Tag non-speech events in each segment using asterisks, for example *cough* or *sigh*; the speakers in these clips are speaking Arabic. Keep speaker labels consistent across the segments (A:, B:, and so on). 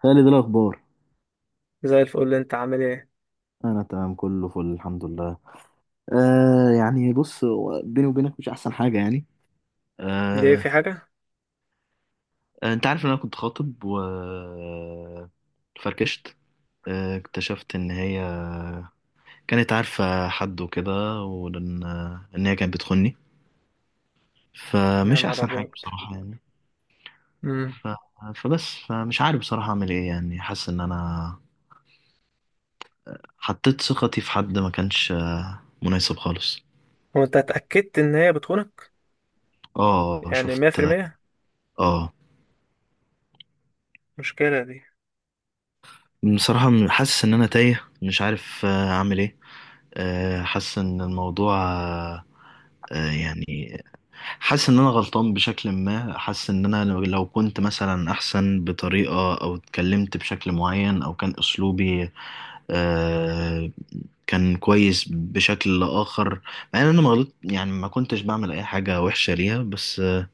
A: خالد، إيه الأخبار؟
B: زي الفل. اللي انت عامل ايه؟
A: أنا تمام، كله فل، الحمد لله. يعني بص، هو بيني وبينك مش أحسن حاجة يعني.
B: دي
A: آه
B: في حاجة؟
A: أنت عارف إن أنا كنت خاطب و فركشت. اكتشفت إن هي كانت عارفة حد وكده، وإن هي كانت بتخوني،
B: يا
A: فمش
B: نهار
A: أحسن حاجة
B: ابيض.
A: بصراحة يعني.
B: امم
A: ف... فبس فمش عارف بصراحة أعمل إيه، يعني حاسس إن أنا حطيت ثقتي في حد ما كانش مناسب خالص.
B: هو انت اتأكدت ان هي بتخونك؟
A: اه،
B: يعني مية
A: شفت.
B: في المية؟
A: اه،
B: مشكلة دي.
A: بصراحة حاسس إن أنا تايه، مش عارف أعمل إيه. حاسس إن الموضوع يعني حاسس إن أنا غلطان بشكل ما، حاسس إن أنا لو كنت مثلا أحسن بطريقة أو اتكلمت بشكل معين أو كان أسلوبي آه، كان كويس بشكل آخر، مع إن أنا ما غلط يعني، ما كنتش بعمل أي حاجة وحشة ليها. بس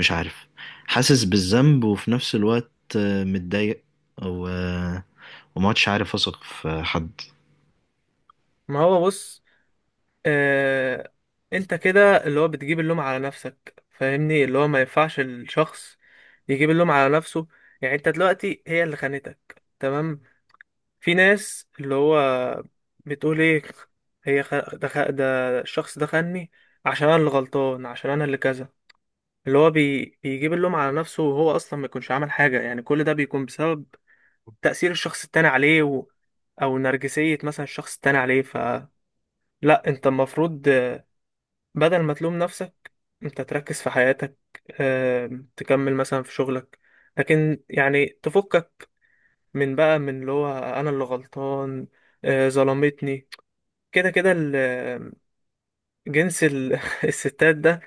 A: مش عارف، حاسس بالذنب وفي نفس الوقت متضايق، و... وما عدتش عارف اثق في حد.
B: ما هو بص، اه... انت كده اللي هو بتجيب اللوم على نفسك، فاهمني؟ اللي هو ما ينفعش الشخص يجيب اللوم على نفسه. يعني انت دلوقتي هي اللي خانتك، تمام؟ في ناس اللي هو بتقول ايه؟ هي خ... ده, خ... ده الشخص ده خاني عشان انا اللي غلطان، عشان انا اللي كذا. اللي هو بيجيب اللوم على نفسه وهو اصلا ما يكونش عمل حاجه. يعني كل ده بيكون بسبب تاثير الشخص التاني عليه او نرجسيه مثلا الشخص التاني عليه. فلا، انت المفروض بدل ما تلوم نفسك، انت تركز في حياتك، تكمل مثلا في شغلك، لكن يعني تفكك من بقى من اللي هو انا اللي غلطان، ظلمتني. كده كده جنس *laughs* الستات ده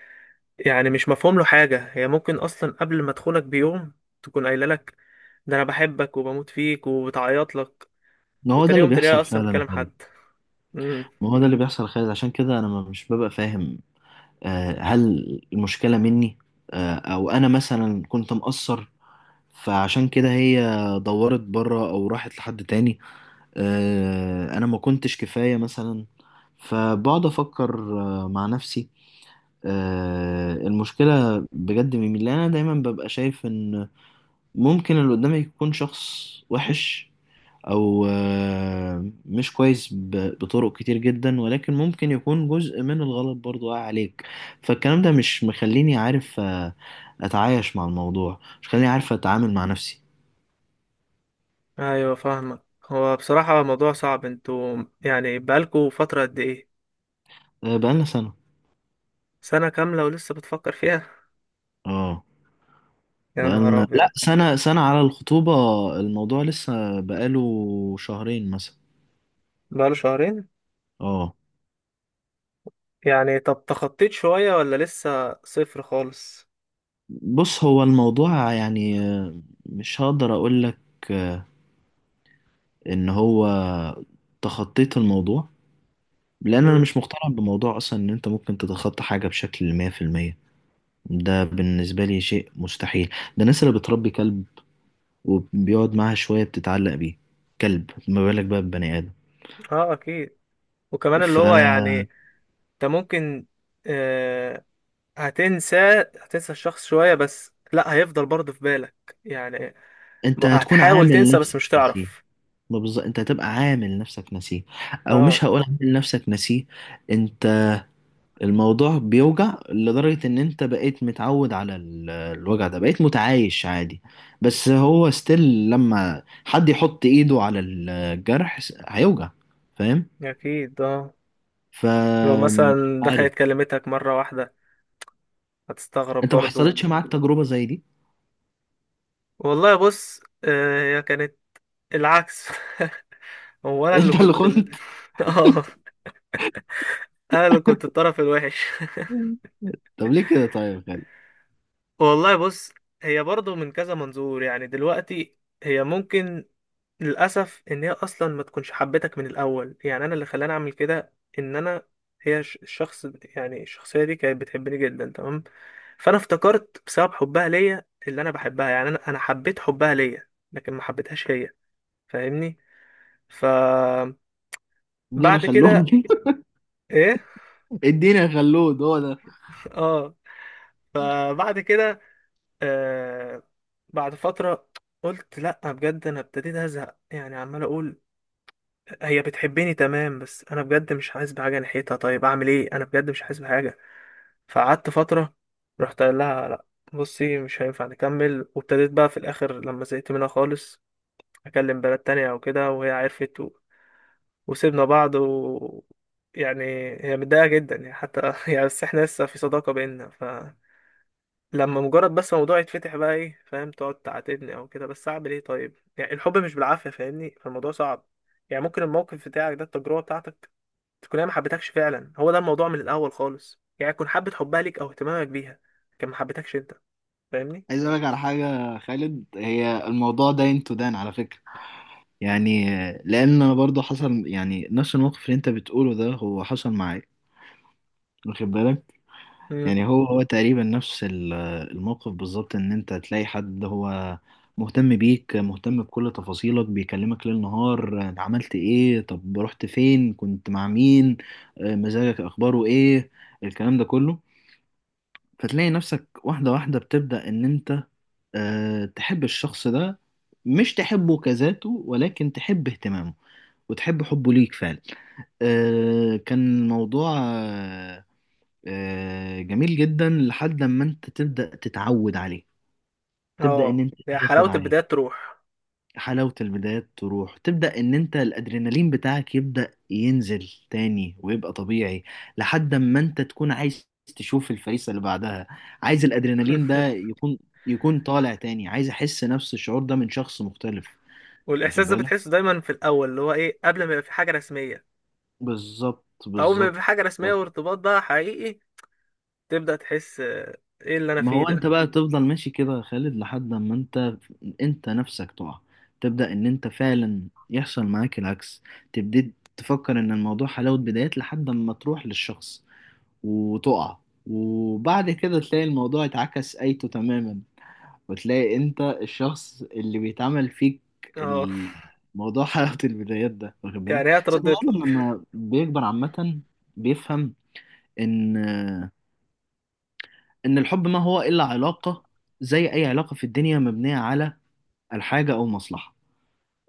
B: يعني مش مفهوم له حاجة. هي ممكن أصلا قبل ما تخونك بيوم تكون قايلة لك ده أنا بحبك وبموت فيك وبتعيط لك،
A: ما هو ده
B: وتاني
A: اللي
B: يوم تلاقيها
A: بيحصل
B: أصلا
A: فعلا يا
B: بتكلم
A: خالد،
B: حد. امم
A: ما هو ده اللي بيحصل يا خالد، عشان كده انا مش ببقى فاهم. هل المشكلة مني؟ او انا مثلا كنت مقصر فعشان كده هي دورت بره او راحت لحد تاني؟ انا ما كنتش كفاية مثلا؟ فبقعد افكر مع نفسي، المشكلة بجد من مين؟ لأن أنا دايما ببقى شايف إن ممكن اللي قدامي يكون شخص وحش أو مش كويس بطرق كتير جدا، ولكن ممكن يكون جزء من الغلط برضو وقع عليك. فالكلام ده مش مخليني عارف أتعايش مع الموضوع، مش مخليني عارف أتعامل مع نفسي.
B: أيوة، فاهمك. هو بصراحة موضوع صعب. انتوا يعني بقالكوا فترة قد إيه؟
A: آه، بقالنا سنة.
B: سنة كاملة ولسه بتفكر فيها؟
A: اه،
B: يا نهار
A: بقالنا لأ،
B: أبيض.
A: سنة سنة على الخطوبة. الموضوع لسه بقاله شهرين مثلا.
B: بقاله شهرين
A: اه،
B: يعني؟ طب تخطيت شوية ولا لسه صفر خالص؟
A: بص، هو الموضوع يعني مش هقدر اقول لك ان هو تخطيت الموضوع، لان انا
B: امم
A: مش مقتنع بموضوع اصلا ان انت ممكن تتخطى حاجه بشكل 100%. ده بالنسبه لي شيء مستحيل. ده الناس اللي بتربي كلب وبيقعد معاها شويه بتتعلق بيه، كلب، ما بالك بقى ببني ادم.
B: اه أكيد. وكمان اللي هو يعني
A: فانت
B: انت ممكن آه، هتنسى، هتنسى الشخص شوية، بس لا، هيفضل برضه في بالك يعني.
A: هتكون
B: هتحاول
A: عامل
B: تنسى بس
A: نفسك
B: مش
A: نسيه،
B: تعرف.
A: ما بالظبط، انت هتبقى عامل نفسك نسيه، او
B: اه
A: مش هقول عامل نفسك نسيه، انت الموضوع بيوجع لدرجة ان انت بقيت متعود على الوجع ده، بقيت متعايش عادي، بس هو ستيل لما حد يحط ايده على الجرح هيوجع. فاهم؟
B: اكيد اه.
A: ف
B: لو
A: مش
B: مثلا
A: عارف،
B: دخلت كلمتك مرة واحدة هتستغرب
A: انت ما
B: برضه.
A: حصلتش معاك تجربة زي دي؟
B: والله بص، هي كانت العكس. *laughs* هو
A: *laughs*
B: انا اللي
A: انت اللي
B: كنت ال...
A: كنت.
B: *laughs* اه، انا اللي كنت الطرف الوحش.
A: طب ليه كده طيب يا خالد؟
B: *laughs* والله بص، هي برضه من كذا منظور يعني. دلوقتي هي ممكن، للأسف، إن هي أصلا ما تكونش حبتك من الأول. يعني أنا اللي خلاني أعمل كده، إن أنا، الشخص يعني الشخصية دي كانت بتحبني جدا، تمام؟ فأنا افتكرت بسبب حبها ليا اللي أنا بحبها. يعني أنا حبيت حبها ليا لكن ما حبيتهاش هي، فاهمني؟ ف
A: ادينا
B: بعد
A: خلود.
B: كده، إيه؟
A: *laughs* ادينا خلود، هو ده.
B: *laughs* آه. فبعد كده، آه، بعد فترة قلت لأ، بجد أنا ابتديت أزهق. يعني عمال أقول هي بتحبني، تمام بس انا بجد مش حاسس بحاجه ناحيتها. طيب اعمل ايه؟ انا بجد مش حاسس بحاجه. فقعدت فتره، رحت قايل لها لا، بصي مش هينفع نكمل. وابتديت بقى في الاخر لما زهقت منها خالص اكلم بنات تانية او كده، وهي عرفت وسيبنا بعض. و يعني هي متضايقه جدا يعني، حتى *laughs* يعني بس احنا لسه في صداقه بينا، فلما مجرد بس موضوع يتفتح بقى، ايه فاهم؟ تقعد تعاتبني او كده. بس اعمل ايه طيب؟ يعني الحب مش بالعافيه، فاهمني؟ فالموضوع صعب. يعني ممكن الموقف بتاعك ده، التجربة بتاعتك، تكون هي ما حبتكش فعلا، هو ده الموضوع من الاول خالص. يعني تكون حبة حبها ليك او اهتمامك بيها، كان ما حبتكش انت، فاهمني؟
A: عايز اقول لك على حاجة يا خالد، هي الموضوع ده انتو دان على فكرة، يعني لان انا برضو حصل يعني نفس الموقف اللي انت بتقوله ده، هو حصل معايا، واخد بالك؟
B: امم،
A: يعني هو تقريبا نفس الموقف بالظبط، ان انت تلاقي حد هو مهتم بيك، مهتم بكل تفاصيلك، بيكلمك ليل نهار، عملت ايه، طب رحت فين، كنت مع مين، مزاجك، اخباره ايه، الكلام ده كله. فتلاقي نفسك واحدة واحدة بتبدأ ان انت تحب الشخص ده، مش تحبه كذاته ولكن تحب اهتمامه وتحب حبه ليك فعلا. كان موضوع جميل جدا، لحد ما انت تبدأ تتعود عليه، تبدأ ان
B: اه.
A: انت
B: هي
A: تاخد
B: حلاوة البداية
A: عليه.
B: تروح.
A: حلاوة البدايات تروح، تبدأ ان انت الادرينالين بتاعك يبدأ ينزل تاني ويبقى طبيعي، لحد ما انت تكون عايز تشوف الفريسة اللي بعدها، عايز الادرينالين ده
B: *laughs*
A: يكون، يكون طالع تاني، عايز احس نفس الشعور ده من شخص مختلف. واخد
B: والاحساس ده
A: بالك؟
B: بتحسه دايما في الاول، اللي هو ايه، قبل ما يبقى في حاجة رسمية.
A: بالظبط
B: اول ما يبقى في
A: بالظبط
B: حاجة رسمية
A: بالظبط.
B: وارتباط بقى حقيقي، تبدأ تحس ايه اللي انا
A: ما
B: فيه
A: هو انت
B: ده.
A: بقى تفضل ماشي كده يا خالد لحد ما انت نفسك تقع، تبدأ ان انت فعلا يحصل معاك العكس، تبتدي تفكر ان الموضوع حلاوة بدايات، لحد ما تروح للشخص وتقع، وبعد كده تلاقي الموضوع اتعكس ايته تماما، وتلاقي انت الشخص اللي بيتعمل فيك
B: اه *laughs*
A: الموضوع. *laughs* حلاوة البدايات ده واخد بالك.
B: يعني هي
A: بس البني
B: اتردت لك.
A: آدم لما بيكبر عامة بيفهم ان إن الحب ما هو إلا علاقة زي أي علاقة في الدنيا، مبنية على الحاجة أو مصلحة.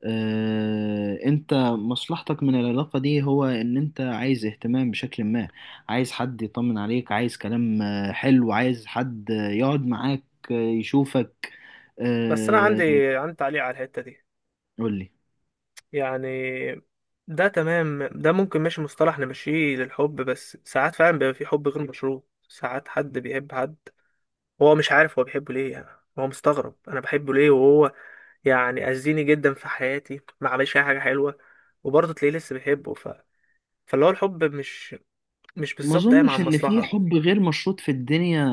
A: أنت مصلحتك من العلاقة دي هو إن أنت عايز اهتمام بشكل ما، عايز حد يطمن عليك، عايز كلام حلو، عايز حد يقعد معاك، يشوفك.
B: بس انا
A: آه،
B: عندي تعليق على الحتة دي.
A: قول لي.
B: يعني ده تمام، ده ممكن ماشي مصطلح نمشيه للحب، بس ساعات فعلا بيبقى في حب غير مشروط. ساعات حد بيحب حد هو مش عارف هو بيحبه ليه يعني. هو مستغرب انا بحبه ليه، وهو يعني اذيني جدا في حياتي، ما عملش اي حاجه حلوه، وبرضه تلاقيه لسه بيحبه. فاللي هو الحب مش
A: ما
B: بالظبط قايم على
A: أظنش إن في
B: المصلحه.
A: حب غير مشروط في الدنيا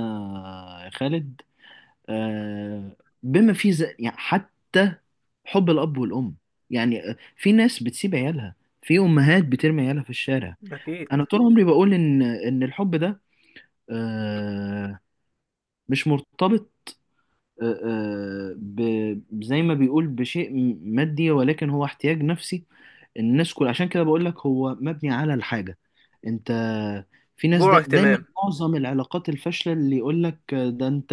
A: يا خالد، آه، بما فيه يعني حتى حب الأب والأم. يعني في ناس بتسيب عيالها، في أمهات بترمي عيالها في الشارع.
B: اكيد،
A: أنا طول عمري بقول إن الحب ده آه، مش مرتبط آه، آه، ب... زي ما بيقول بشيء مادي، ولكن هو احتياج نفسي. الناس كل، عشان كده بقول لك هو مبني على الحاجة. انت في ناس
B: جوع
A: دا دايما،
B: اهتمام.
A: معظم العلاقات الفاشلة، اللي يقول لك ده انت،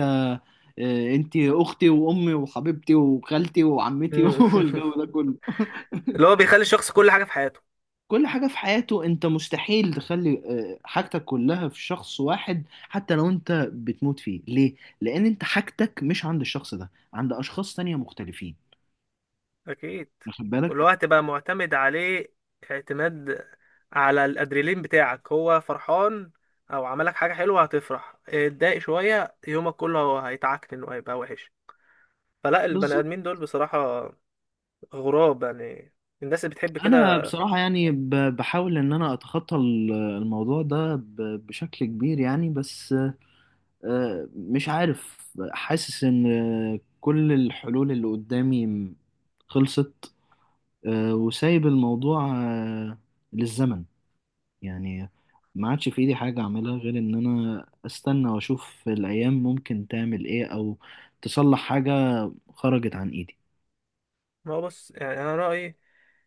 A: اه، انت اختي وامي وحبيبتي وخالتي وعمتي
B: مم.
A: *laughs*
B: *laughs*
A: والجو ده كله،
B: اللي هو بيخلي الشخص كل حاجه في حياته.
A: كل حاجة في حياته. انت مستحيل تخلي اه، حاجتك كلها في شخص واحد حتى لو انت بتموت فيه. ليه؟ لان انت حاجتك مش عند الشخص ده، عند اشخاص تانية مختلفين.
B: اكيد.
A: واخد بالك؟
B: ولو هتبقى معتمد عليه اعتماد، على الادريلين بتاعك، هو فرحان او عملك حاجه حلوه هتفرح، اتضايق شويه يومك كله هو هيتعكن وهيبقى وحش. فلا، البني
A: بالظبط.
B: ادمين دول بصراحه غراب يعني، الناس اللي بتحب
A: انا
B: كده.
A: بصراحه يعني بحاول ان انا اتخطى الموضوع ده بشكل كبير يعني، بس مش عارف، حاسس ان كل الحلول اللي قدامي خلصت، وسايب الموضوع للزمن، يعني ما عادش في ايدي حاجه اعملها غير ان انا استنى واشوف الايام ممكن تعمل ايه او تصلح حاجه. خرجت عن ايدي.
B: ما هو بص، يعني انا رايي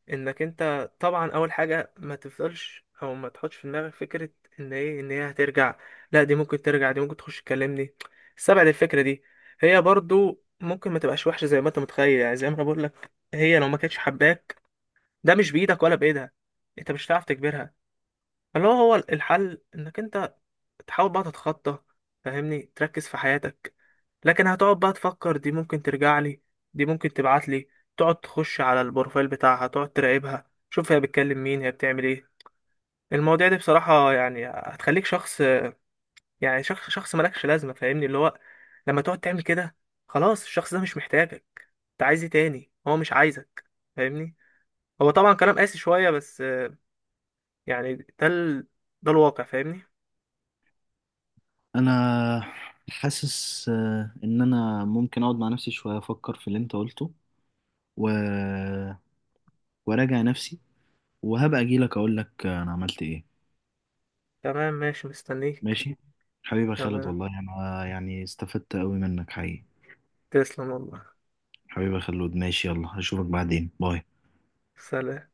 B: انك انت طبعا اول حاجه ما تفضلش او ما تحطش في دماغك فكره ان ايه، ان هي هترجع. لا، دي ممكن ترجع، دي ممكن تخش تكلمني، استبعد الفكره دي. هي برضو ممكن ما تبقاش وحشه زي ما انت متخيل. يعني زي ما انا بقول لك، هي لو ما كانتش حباك، ده مش بايدك ولا بايدها، انت مش هتعرف تجبرها. اللي هو هو الحل انك انت تحاول بقى تتخطى، فاهمني؟ تركز في حياتك. لكن هتقعد بقى تفكر دي ممكن ترجع لي، دي ممكن تبعت لي، تقعد تخش على البروفايل بتاعها، تقعد تراقبها، شوف هي بتكلم مين، هي بتعمل ايه. المواضيع دي بصراحة يعني هتخليك شخص، يعني شخص مالكش لازمة، فاهمني؟ اللي هو لما تقعد تعمل كده، خلاص الشخص ده مش محتاجك. انت عايز ايه تاني، هو مش عايزك، فاهمني؟ هو طبعا كلام قاسي شوية، بس يعني ده الواقع، فاهمني؟
A: انا حاسس ان انا ممكن اقعد مع نفسي شويه افكر في اللي انت قلته، و... وراجع نفسي، وهبقى اجي لك اقول لك انا عملت ايه.
B: تمام، ماشي، مستنيك.
A: ماشي. حبيبي يا خالد،
B: تمام،
A: والله انا يعني استفدت قوي منك حقيقي.
B: تسلم والله.
A: حبيبي يا خالد، ماشي، يلا اشوفك بعدين، باي.
B: سلام.